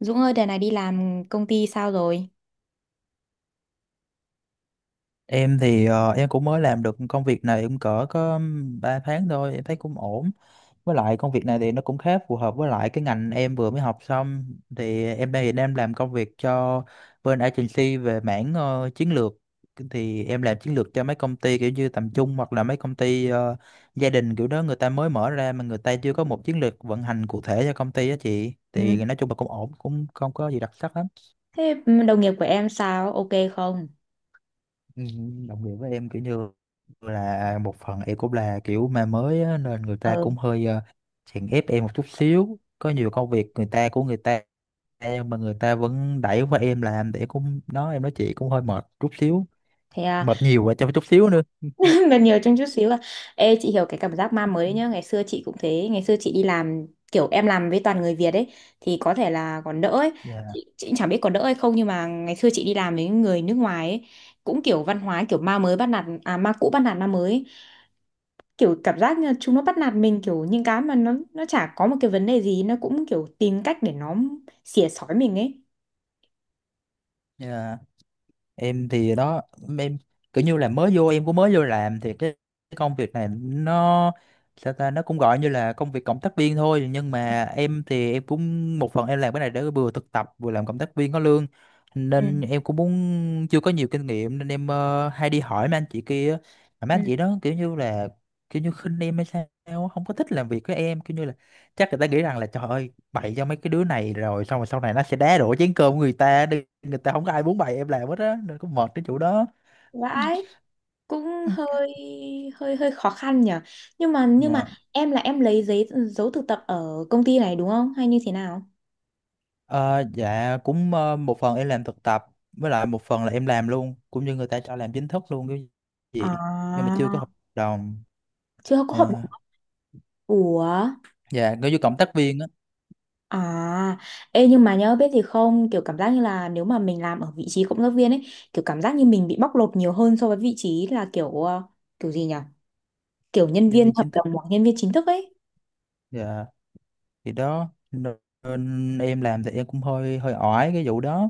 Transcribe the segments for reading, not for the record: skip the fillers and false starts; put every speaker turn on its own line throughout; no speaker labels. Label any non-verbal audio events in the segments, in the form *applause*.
Dũng ơi, đợt này đi làm công ty sao rồi?
Em thì em cũng mới làm được công việc này cũng cỡ có 3 tháng thôi, em thấy cũng ổn. Với lại công việc này thì nó cũng khá phù hợp với lại cái ngành em vừa mới học xong. Thì em đây thì em làm công việc cho bên agency về mảng chiến lược. Thì em làm chiến lược cho mấy công ty kiểu như tầm trung hoặc là mấy công ty gia đình kiểu đó người ta mới mở ra mà người ta chưa có một chiến lược vận hành cụ thể cho công ty á chị.
Ừ.
Thì nói chung là cũng ổn, cũng không có gì đặc sắc lắm.
Thế đồng nghiệp của em sao? Ok không?
Ừ, đồng nghĩa với em kiểu như là một phần em cũng là kiểu ma mới á, nên người ta
Ờ.
cũng hơi chèn ép em một chút xíu, có nhiều công việc người ta của người ta em mà người ta vẫn đẩy qua em làm, để cũng đó em nói chị cũng hơi mệt chút xíu,
Thế à,
mệt nhiều và cho chút xíu nữa.
*laughs* gần nhiều trong chút xíu à. Ê, chị hiểu cái cảm giác ma mới nhá. Ngày xưa chị cũng thế. Ngày xưa chị đi làm, kiểu em làm với toàn người Việt ấy, thì có thể là còn đỡ ấy.
Dạ.
Chị cũng chẳng biết có đỡ hay không, nhưng mà ngày xưa chị đi làm với người nước ngoài ấy, cũng kiểu văn hóa, kiểu ma mới bắt nạt, à ma cũ bắt nạt ma mới ấy. Kiểu cảm giác như là chúng nó bắt nạt mình, kiểu những cái mà nó chả có một cái vấn đề gì, nó cũng kiểu tìm cách để nó xỉa xói mình ấy.
Dạ, em thì đó, em kiểu như là mới vô, em cũng mới vô làm thì cái công việc này nó, sao ta, nó cũng gọi như là công việc cộng tác viên thôi, nhưng mà em thì em cũng một phần em làm cái này để vừa thực tập vừa làm cộng tác viên có lương,
Ừ.
nên em cũng muốn, chưa có nhiều kinh nghiệm nên em hay đi hỏi mấy anh chị kia á. Mà mấy
Ừ.
anh chị đó kiểu như là kiểu như khinh em hay sao á, không có thích làm việc với em, kiểu như là chắc người ta nghĩ rằng là trời ơi, bày cho mấy cái đứa này rồi xong rồi sau này nó sẽ đá đổ chén cơm của người ta đi, người ta không có ai muốn bày em làm hết á, nên cũng mệt cái chỗ đó.
Vãi, cũng hơi hơi hơi khó khăn nhở. Nhưng mà
Dạ.
em là em lấy giấy dấu thực tập ở công ty này đúng không, hay như thế nào?
Ờ, dạ cũng, một phần em làm thực tập, với lại một phần là em làm luôn, cũng như người ta cho làm chính thức luôn cái gì, nhưng mà
À,
chưa có hợp đồng.
chưa có hợp đồng.
Dạ,
Ủa,
dạ, có như cộng tác viên á.
à. Ê, nhưng mà nhớ biết gì không, kiểu cảm giác như là nếu mà mình làm ở vị trí cộng tác viên ấy, kiểu cảm giác như mình bị bóc lột nhiều hơn so với vị trí là kiểu kiểu gì nhỉ, kiểu nhân
Nhân
viên
viên
hợp
chính thức,
đồng hoặc nhân viên chính thức ấy.
dạ, thì đó nên em làm thì em cũng hơi hơi oải cái vụ đó,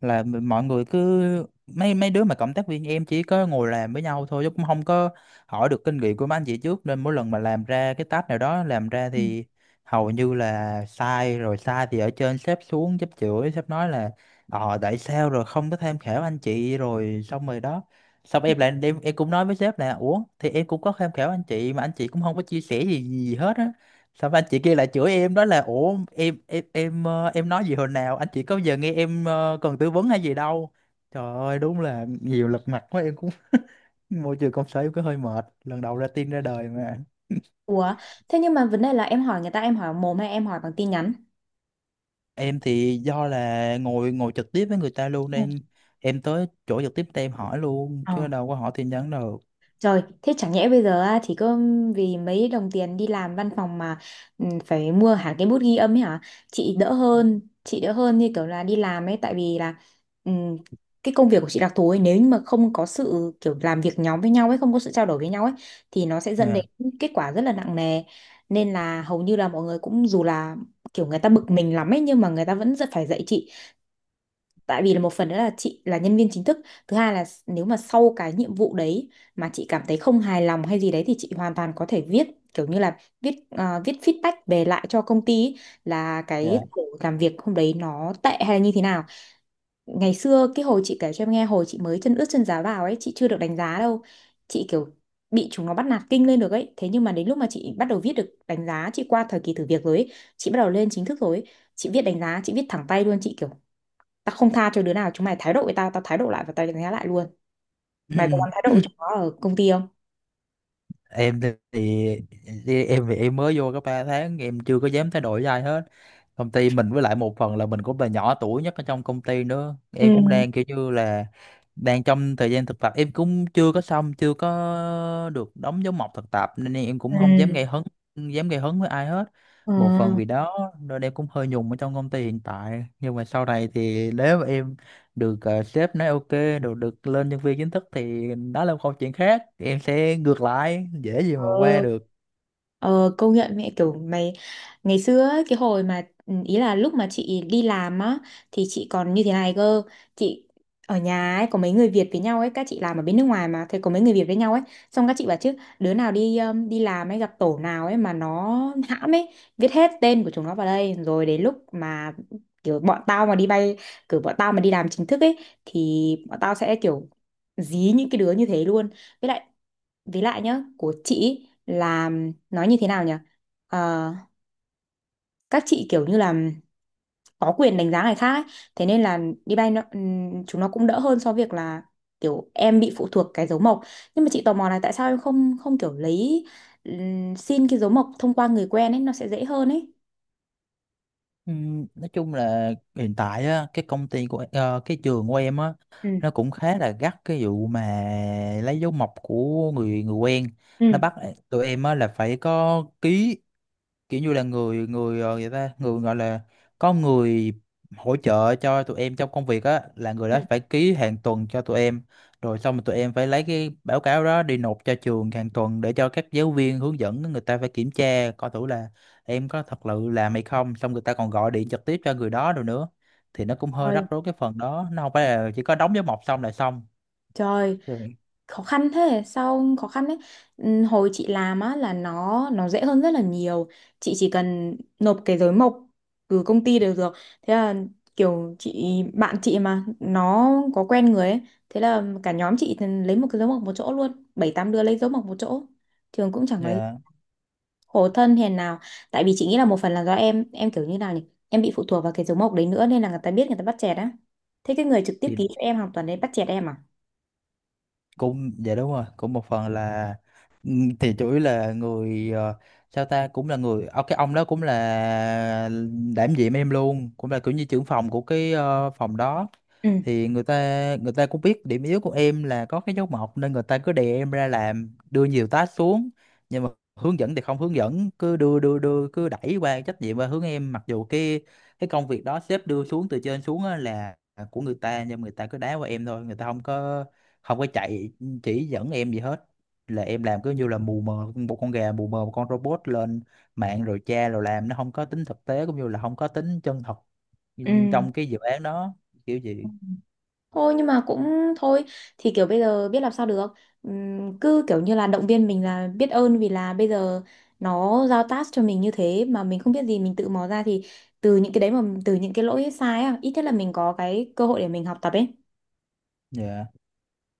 là mọi người cứ mấy mấy đứa mà cộng tác viên em chỉ có ngồi làm với nhau thôi chứ cũng không có hỏi được kinh nghiệm của mấy anh chị trước, nên mỗi lần mà làm ra cái task nào đó làm ra
Ừ.
thì hầu như là sai, rồi sai thì ở trên sếp xuống, sếp chửi, sếp nói là ờ tại sao rồi không có tham khảo anh chị, rồi xong rồi đó, xong em lại em cũng nói với sếp là ủa thì em cũng có tham khảo anh chị mà anh chị cũng không có chia sẻ gì gì hết á, sao anh chị kia lại chửi em, đó là ủa em em nói gì hồi nào, anh chị có giờ nghe em cần tư vấn hay gì đâu, trời ơi đúng là nhiều lật mặt quá, em cũng *laughs* môi trường công sở em cũng hơi mệt, lần đầu ra tin ra đời mà.
Ủa, thế nhưng mà vấn đề là em hỏi người ta, em hỏi mồm hay em hỏi bằng tin nhắn?
Em thì do là ngồi ngồi trực tiếp với người ta luôn
Ừ.
nên em tới chỗ trực tiếp thì em hỏi luôn
Ờ.
chứ đâu có hỏi tin nhắn đâu
Trời, thế chẳng nhẽ bây giờ á, chỉ có vì mấy đồng tiền đi làm văn phòng mà ừ, phải mua hẳn cái bút ghi âm ấy hả? Chị đỡ hơn như kiểu là đi làm ấy, tại vì là ừ, cái công việc của chị đặc thù ấy, nếu như mà không có sự kiểu làm việc nhóm với nhau ấy, không có sự trao đổi với nhau ấy thì nó sẽ dẫn đến
nha.
kết quả rất là nặng nề. Nên là hầu như là mọi người cũng dù là kiểu người ta bực mình lắm ấy, nhưng mà người ta vẫn rất phải dạy chị, tại vì là một phần nữa là chị là nhân viên chính thức, thứ hai là nếu mà sau cái nhiệm vụ đấy mà chị cảm thấy không hài lòng hay gì đấy thì chị hoàn toàn có thể viết, kiểu như là viết viết feedback về lại cho công ty ý, là cái
Dạ.
tổ làm việc hôm đấy nó tệ hay là như thế nào. Ngày xưa cái hồi chị kể cho em nghe, hồi chị mới chân ướt chân ráo vào ấy, chị chưa được đánh giá đâu, chị kiểu bị chúng nó bắt nạt kinh lên được ấy, thế nhưng mà đến lúc mà chị bắt đầu viết được đánh giá, chị qua thời kỳ thử việc rồi ấy, chị bắt đầu lên chính thức rồi ấy, chị viết đánh giá chị viết thẳng tay luôn, chị kiểu tao không tha cho đứa nào, chúng mày thái độ với tao tao thái độ lại và tao đánh giá lại luôn. Mày có dám thái
*clears throat*
độ với chúng nó ở công ty không?
Em thì em mới vô có 3 tháng, em chưa có dám thay đổi gì ai hết công ty mình, với lại một phần là mình cũng là nhỏ tuổi nhất ở trong công ty nữa,
Ừ.
em cũng đang kiểu như là đang trong thời gian thực tập, em cũng chưa có xong, chưa có được đóng dấu mộc thực tập, nên em cũng không dám
Ừ.
gây hấn, với ai hết. Một phần
Ừ.
vì đó nên em cũng hơi nhùng ở trong công ty hiện tại, nhưng mà sau này thì nếu mà em được sếp nói ok, được được lên nhân viên chính thức thì đó là một câu chuyện khác, em sẽ ngược lại dễ gì
Ừ.
mà qua được.
Ờ, công nhận mẹ kiểu mày. Ngày xưa ấy, cái hồi mà ừ, ý là lúc mà chị đi làm á thì chị còn như thế này cơ, chị ở nhà ấy có mấy người Việt với nhau ấy, các chị làm ở bên nước ngoài mà thì có mấy người Việt với nhau ấy, xong các chị bảo chứ đứa nào đi đi làm ấy gặp tổ nào ấy mà nó hãm ấy, viết hết tên của chúng nó vào đây, rồi đến lúc mà kiểu bọn tao mà đi bay, kiểu bọn tao mà đi làm chính thức ấy, thì bọn tao sẽ kiểu dí những cái đứa như thế luôn. Với lại với lại nhá, của chị ý là nói như thế nào nhỉ? Ờ, các chị kiểu như là có quyền đánh giá người khác ấy. Thế nên là đi bay nó, chúng nó cũng đỡ hơn so với việc là kiểu em bị phụ thuộc cái dấu mộc. Nhưng mà chị tò mò là tại sao em không không kiểu lấy xin cái dấu mộc thông qua người quen ấy, nó sẽ dễ hơn ấy.
Nói chung là hiện tại á, cái công ty của cái trường của em á
Ừ.
nó cũng khá là gắt cái vụ mà lấy dấu mộc của người người quen, nó
Ừ.
bắt tụi em á là phải có ký kiểu như là người người người ta người gọi là có người hỗ trợ cho tụi em trong công việc á, là người
Ừ.
đó phải ký hàng tuần cho tụi em, rồi xong rồi tụi em phải lấy cái báo cáo đó đi nộp cho trường hàng tuần để cho các giáo viên hướng dẫn người ta phải kiểm tra coi thử là em có thật sự làm hay không, xong người ta còn gọi điện trực tiếp cho người đó rồi nữa, thì nó cũng hơi rắc
Trời,
rối cái phần đó, nó không phải là chỉ có đóng dấu mộc xong là xong.
trời.
Dạ.
Khó khăn thế, sao khó khăn đấy. Hồi chị làm á là nó dễ hơn rất là nhiều, chị chỉ cần nộp cái giấy mộc từ công ty đều được, thế là kiểu chị, bạn chị mà nó có quen người ấy, thế là cả nhóm chị thì lấy một cái dấu mộc một chỗ luôn, bảy tám đứa lấy dấu mộc một chỗ, trường cũng chẳng nói.
Dạ.
Khổ thân, hèn nào. Tại vì chị nghĩ là một phần là do em kiểu như nào nhỉ, em bị phụ thuộc vào cái dấu mộc đấy nữa nên là người ta biết, người ta bắt chẹt á. Thế cái người trực tiếp
Thì
ký cho em hoàn toàn đấy bắt chẹt em à?
cũng, dạ đúng rồi, cũng một phần là, ừ, thì chủ yếu là người, sao ta, cũng là người, cái ông đó cũng là đảm nhiệm em luôn, cũng là kiểu như trưởng phòng của cái phòng đó,
Ừ.
thì người ta, người ta cũng biết điểm yếu của em là có cái dấu mộc, nên người ta cứ đè em ra làm, đưa nhiều task xuống, nhưng mà hướng dẫn thì không hướng dẫn, cứ đưa đưa đưa cứ đẩy qua trách nhiệm qua hướng em, mặc dù cái công việc đó sếp đưa xuống từ trên xuống á là của người ta, nhưng mà người ta cứ đá qua em thôi, người ta không có, không có chạy, chỉ dẫn em gì hết, là em làm cứ như là mù mờ một con gà, mù mờ một con robot lên mạng rồi tra rồi làm, nó không có tính thực tế cũng như là không có tính chân thật
Ừ.
trong cái dự án đó, kiểu gì
Thôi nhưng mà cũng thôi, thì kiểu bây giờ biết làm sao được. Cứ kiểu như là động viên mình là biết ơn, vì là bây giờ nó giao task cho mình như thế mà mình không biết gì, mình tự mò ra thì từ những cái đấy, mà từ những cái lỗi sai á, ít nhất là mình có cái cơ hội để mình học tập ấy,
dạ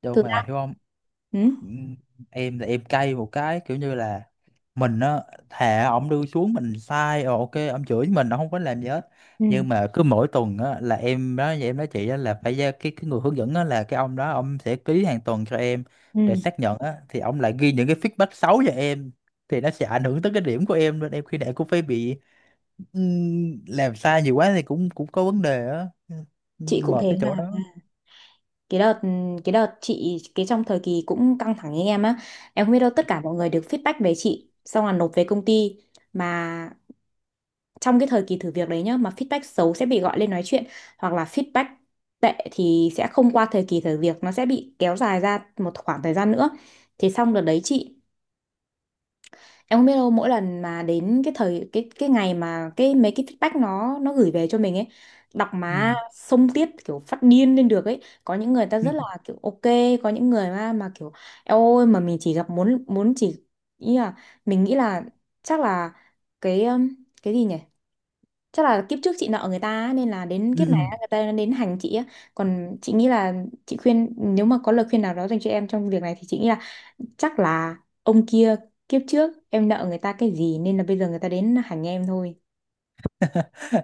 đâu
thực
mà
ra.
hiểu không.
Ừ.
Ừm, em là em cay một cái kiểu như là mình á, thà ổng đưa xuống mình sai rồi ok ổng chửi mình, ổng không có làm gì hết,
Ừ.
nhưng mà cứ mỗi tuần á là em đó em nói chị á là phải ra cái người hướng dẫn á, là cái ông đó ông sẽ ký hàng tuần cho em để
Ừ.
xác nhận á, thì ông lại ghi những cái feedback xấu cho em, thì nó sẽ ảnh hưởng tới cái điểm của em, nên em khi nào cũng phải bị làm sai nhiều quá thì cũng cũng có vấn đề á. Ừ,
Chị cũng
mệt
thế
cái chỗ
mà.
đó.
Cái đợt cái đợt chị, cái trong thời kỳ cũng căng thẳng như em á, em không biết đâu, tất cả mọi người được feedback về chị xong là nộp về công ty mà, trong cái thời kỳ thử việc đấy nhá, mà feedback xấu sẽ bị gọi lên nói chuyện, hoặc là feedback tệ thì sẽ không qua thời kỳ thử việc, nó sẽ bị kéo dài ra một khoảng thời gian nữa. Thì xong đợt đấy chị, em không biết đâu, mỗi lần mà đến cái thời, cái ngày mà cái mấy cái feedback nó gửi về cho mình ấy, đọc má xông tiết, kiểu phát điên lên được ấy. Có những người ta rất là kiểu ok, có những người mà kiểu "Eo ôi mà mình chỉ gặp", muốn muốn chỉ, ý là mình nghĩ là chắc là cái um, cái gì nhỉ, chắc là kiếp trước chị nợ người ta á, nên là đến
Ừ.
kiếp này
*laughs*
á, người ta đến hành chị á. Còn chị nghĩ là, chị khuyên nếu mà có lời khuyên nào đó dành cho em trong việc này thì chị nghĩ là chắc là ông kia, kiếp trước em nợ người ta cái gì nên là bây giờ người ta đến hành em thôi.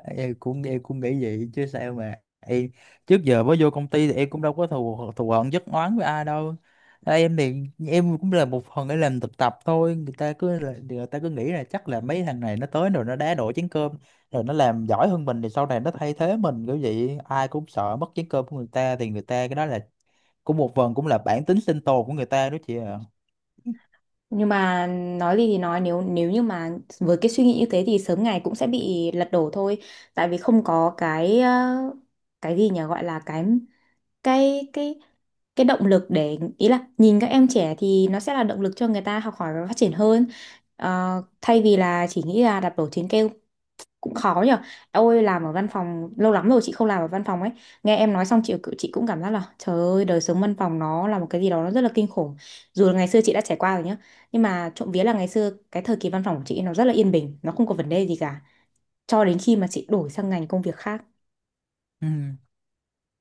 Em cũng, em cũng nghĩ vậy chứ sao mà em trước giờ mới vô công ty thì em cũng đâu có thù thù hận giấc oán với ai đâu. Ờ, em thì em cũng là một phần để làm thực tập thôi, người ta người ta cứ nghĩ là chắc là mấy thằng này nó tới rồi nó đá đổ chén cơm rồi nó làm giỏi hơn mình thì sau này nó thay thế mình kiểu vậy, ai cũng sợ mất chén cơm của người ta, thì người ta cái đó là cũng một phần cũng là bản tính sinh tồn của người ta đó chị ạ.
Nhưng mà nói gì thì nói, nếu nếu như mà với cái suy nghĩ như thế thì sớm ngày cũng sẽ bị lật đổ thôi, tại vì không có cái cái gì nhỉ, gọi là cái cái cái động lực để, ý là nhìn các em trẻ thì nó sẽ là động lực cho người ta học hỏi và phát triển hơn. Ờ, thay vì là chỉ nghĩ là đạp đổ chính kêu. Cũng khó nhở. Ôi làm ở văn phòng lâu lắm rồi chị không làm ở văn phòng ấy, nghe em nói xong chị cũng cảm giác là trời ơi đời sống văn phòng nó là một cái gì đó nó rất là kinh khủng, dù là ngày xưa chị đã trải qua rồi nhá, nhưng mà trộm vía là ngày xưa cái thời kỳ văn phòng của chị nó rất là yên bình, nó không có vấn đề gì cả, cho đến khi mà chị đổi sang ngành công việc khác.
Ừ.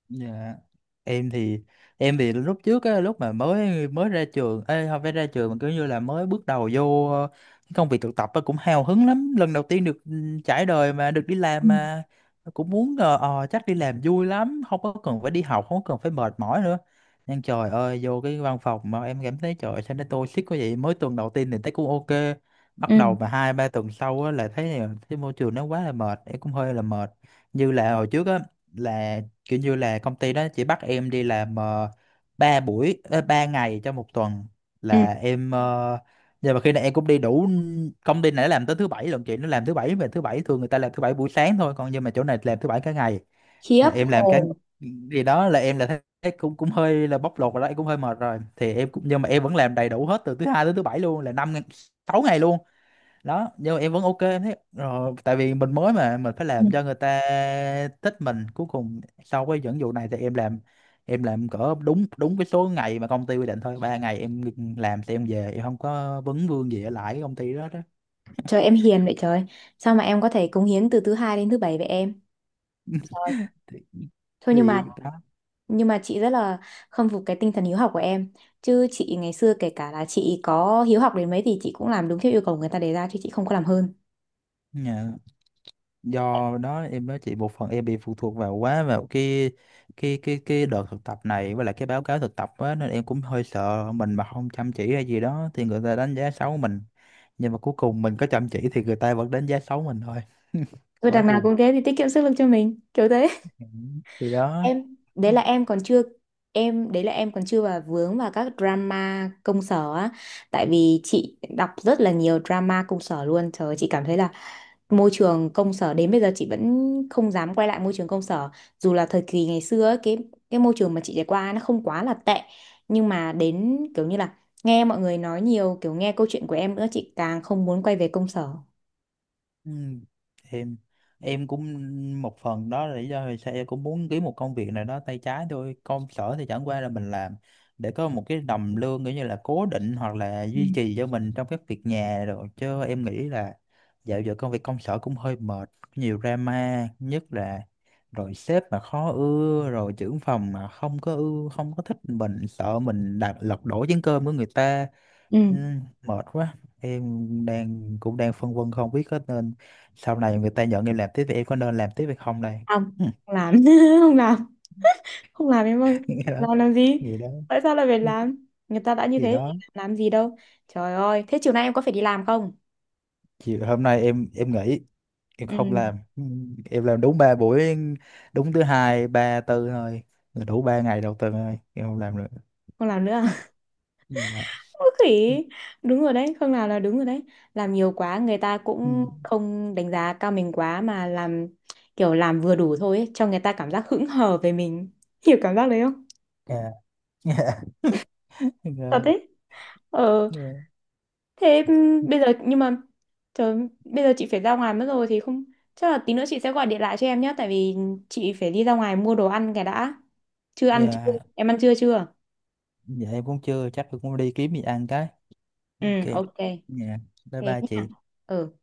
Dạ. Em thì, em thì lúc trước á, lúc mà mới mới ra trường, ê, không phải ra trường mà kiểu như là mới bước đầu vô cái công việc thực tập á, cũng hào hứng lắm. Lần đầu tiên được ừ, trải đời mà được đi làm
Ừ.
mà cũng muốn chắc đi làm vui lắm, không có cần phải đi học, không có cần phải mệt mỏi nữa. Nhưng trời ơi vô cái văn phòng mà em cảm thấy trời sao nó toxic quá vậy. Mới tuần đầu tiên thì thấy cũng ok,
Ừ.
bắt đầu mà hai ba tuần sau á, là thấy thấy môi trường nó quá là mệt, em cũng hơi là mệt. Như là hồi trước á là kiểu như là công ty đó chỉ bắt em đi làm 3 buổi 3 ngày trong một tuần
Ừ.
là em nhưng mà khi này em cũng đi đủ. Công ty này nó làm tới thứ bảy lận chị, nó làm thứ bảy, về thứ bảy thường người ta làm thứ bảy buổi sáng thôi, còn nhưng mà chỗ này làm thứ bảy cả ngày,
Khiếp
là em làm cái
hồn.
gì đó, là em là thấy thấy cũng cũng hơi là bóc lột rồi đó, em cũng hơi mệt rồi, thì em cũng, nhưng mà em vẫn làm đầy đủ hết từ thứ hai tới thứ bảy luôn, là 5 ngày- 6 ngày luôn đó, nhưng mà em vẫn ok em thấy, rồi tại vì mình mới mà mình phải làm cho người ta thích mình, cuối cùng sau cái dẫn dụ này thì em làm, em làm cỡ đúng đúng cái số ngày mà công ty quy định thôi, 3 ngày em ngừng làm thì em về, em không có vấn vương gì ở lại cái công ty đó đó.
Trời em hiền vậy trời. Sao mà em có thể cống hiến từ thứ hai đến thứ bảy vậy em? Trời.
thì,
Thôi nhưng mà,
thì đó.
nhưng mà chị rất là khâm phục cái tinh thần hiếu học của em. Chứ chị ngày xưa kể cả là chị có hiếu học đến mấy thì chị cũng làm đúng theo yêu cầu người ta đề ra, chứ chị không có làm hơn.
Dạ. Do đó em nói chị một phần em bị phụ thuộc vào quá vào cái đợt thực tập này với lại cái báo cáo thực tập á, nên em cũng hơi sợ mình mà không chăm chỉ hay gì đó thì người ta đánh giá xấu mình, nhưng mà cuối cùng mình có chăm chỉ thì người ta vẫn đánh giá xấu mình thôi. *laughs*
Và
Quá
đằng nào
buồn.
cũng thế thì tiết kiệm sức lực cho mình, kiểu thế.
Ừ. Thì đó.
Em đấy là em còn chưa em đấy là em còn chưa vào vướng vào các drama công sở á, tại vì chị đọc rất là nhiều drama công sở luôn, trời ơi, chị cảm thấy là môi trường công sở đến bây giờ chị vẫn không dám quay lại môi trường công sở, dù là thời kỳ ngày xưa ấy, cái môi trường mà chị trải qua nó không quá là tệ, nhưng mà đến kiểu như là nghe mọi người nói nhiều, kiểu nghe câu chuyện của em nữa, chị càng không muốn quay về công sở.
Ừ. em em cũng, một phần đó là lý do vì sao em cũng muốn kiếm một công việc nào đó tay trái thôi, công sở thì chẳng qua là mình làm để có một cái đồng lương kiểu như là cố định hoặc là
Ừ.
duy trì cho mình trong các việc nhà rồi, chứ em nghĩ là dạo giờ công việc công sở cũng hơi mệt, nhiều drama, nhất là rồi sếp mà khó ưa, rồi trưởng phòng mà không có ưa, không có thích mình, sợ mình đặt lật đổ chén cơm của người ta. Ừ,
Ừ.
mệt quá, em đang cũng đang phân vân không biết có nên, sau này người ta nhận em làm tiếp thì em có nên làm tiếp hay không đây.
Không,
*laughs*
không làm *laughs* không làm, không làm em ơi.
Nghĩ đó.
Làm gì,
Nghĩ đó.
tại sao lại phải làm, người ta đã như
Nghĩ
thế thì
đó.
làm gì đâu. Trời ơi thế chiều nay em có phải đi làm không?
Chiều hôm nay em nghỉ, em không
Ừ,
làm. Ừ, em làm đúng 3 buổi, đúng thứ hai ba tư thôi, là đủ 3 ngày đầu tuần thôi, em không làm nữa.
không làm nữa.
*laughs* Dạ.
Khỉ, đúng rồi đấy Khương, nào là đúng rồi đấy, làm nhiều quá người ta
Ừ,
cũng không đánh giá cao mình quá mà làm, kiểu làm vừa đủ thôi ấy, cho người ta cảm giác hững hờ về mình. *laughs* Hiểu cảm giác đấy không?
dạ. *laughs*
Thật
Rồi.
đấy. Ờ.
Dạ.
Thế bây giờ nhưng mà, trời, bây giờ chị phải ra ngoài mất rồi thì không, chắc là tí nữa chị sẽ gọi điện lại cho em nhé, tại vì chị phải đi ra ngoài mua đồ ăn cái đã. Chưa ăn chưa,
Dạ.
em ăn trưa chưa?
Dạ em cũng chưa, chắc em cũng đi kiếm gì ăn cái.
Ừ
Ok.
ok,
Dạ. Bye
thế
bye
nhá.
chị.
Ừ.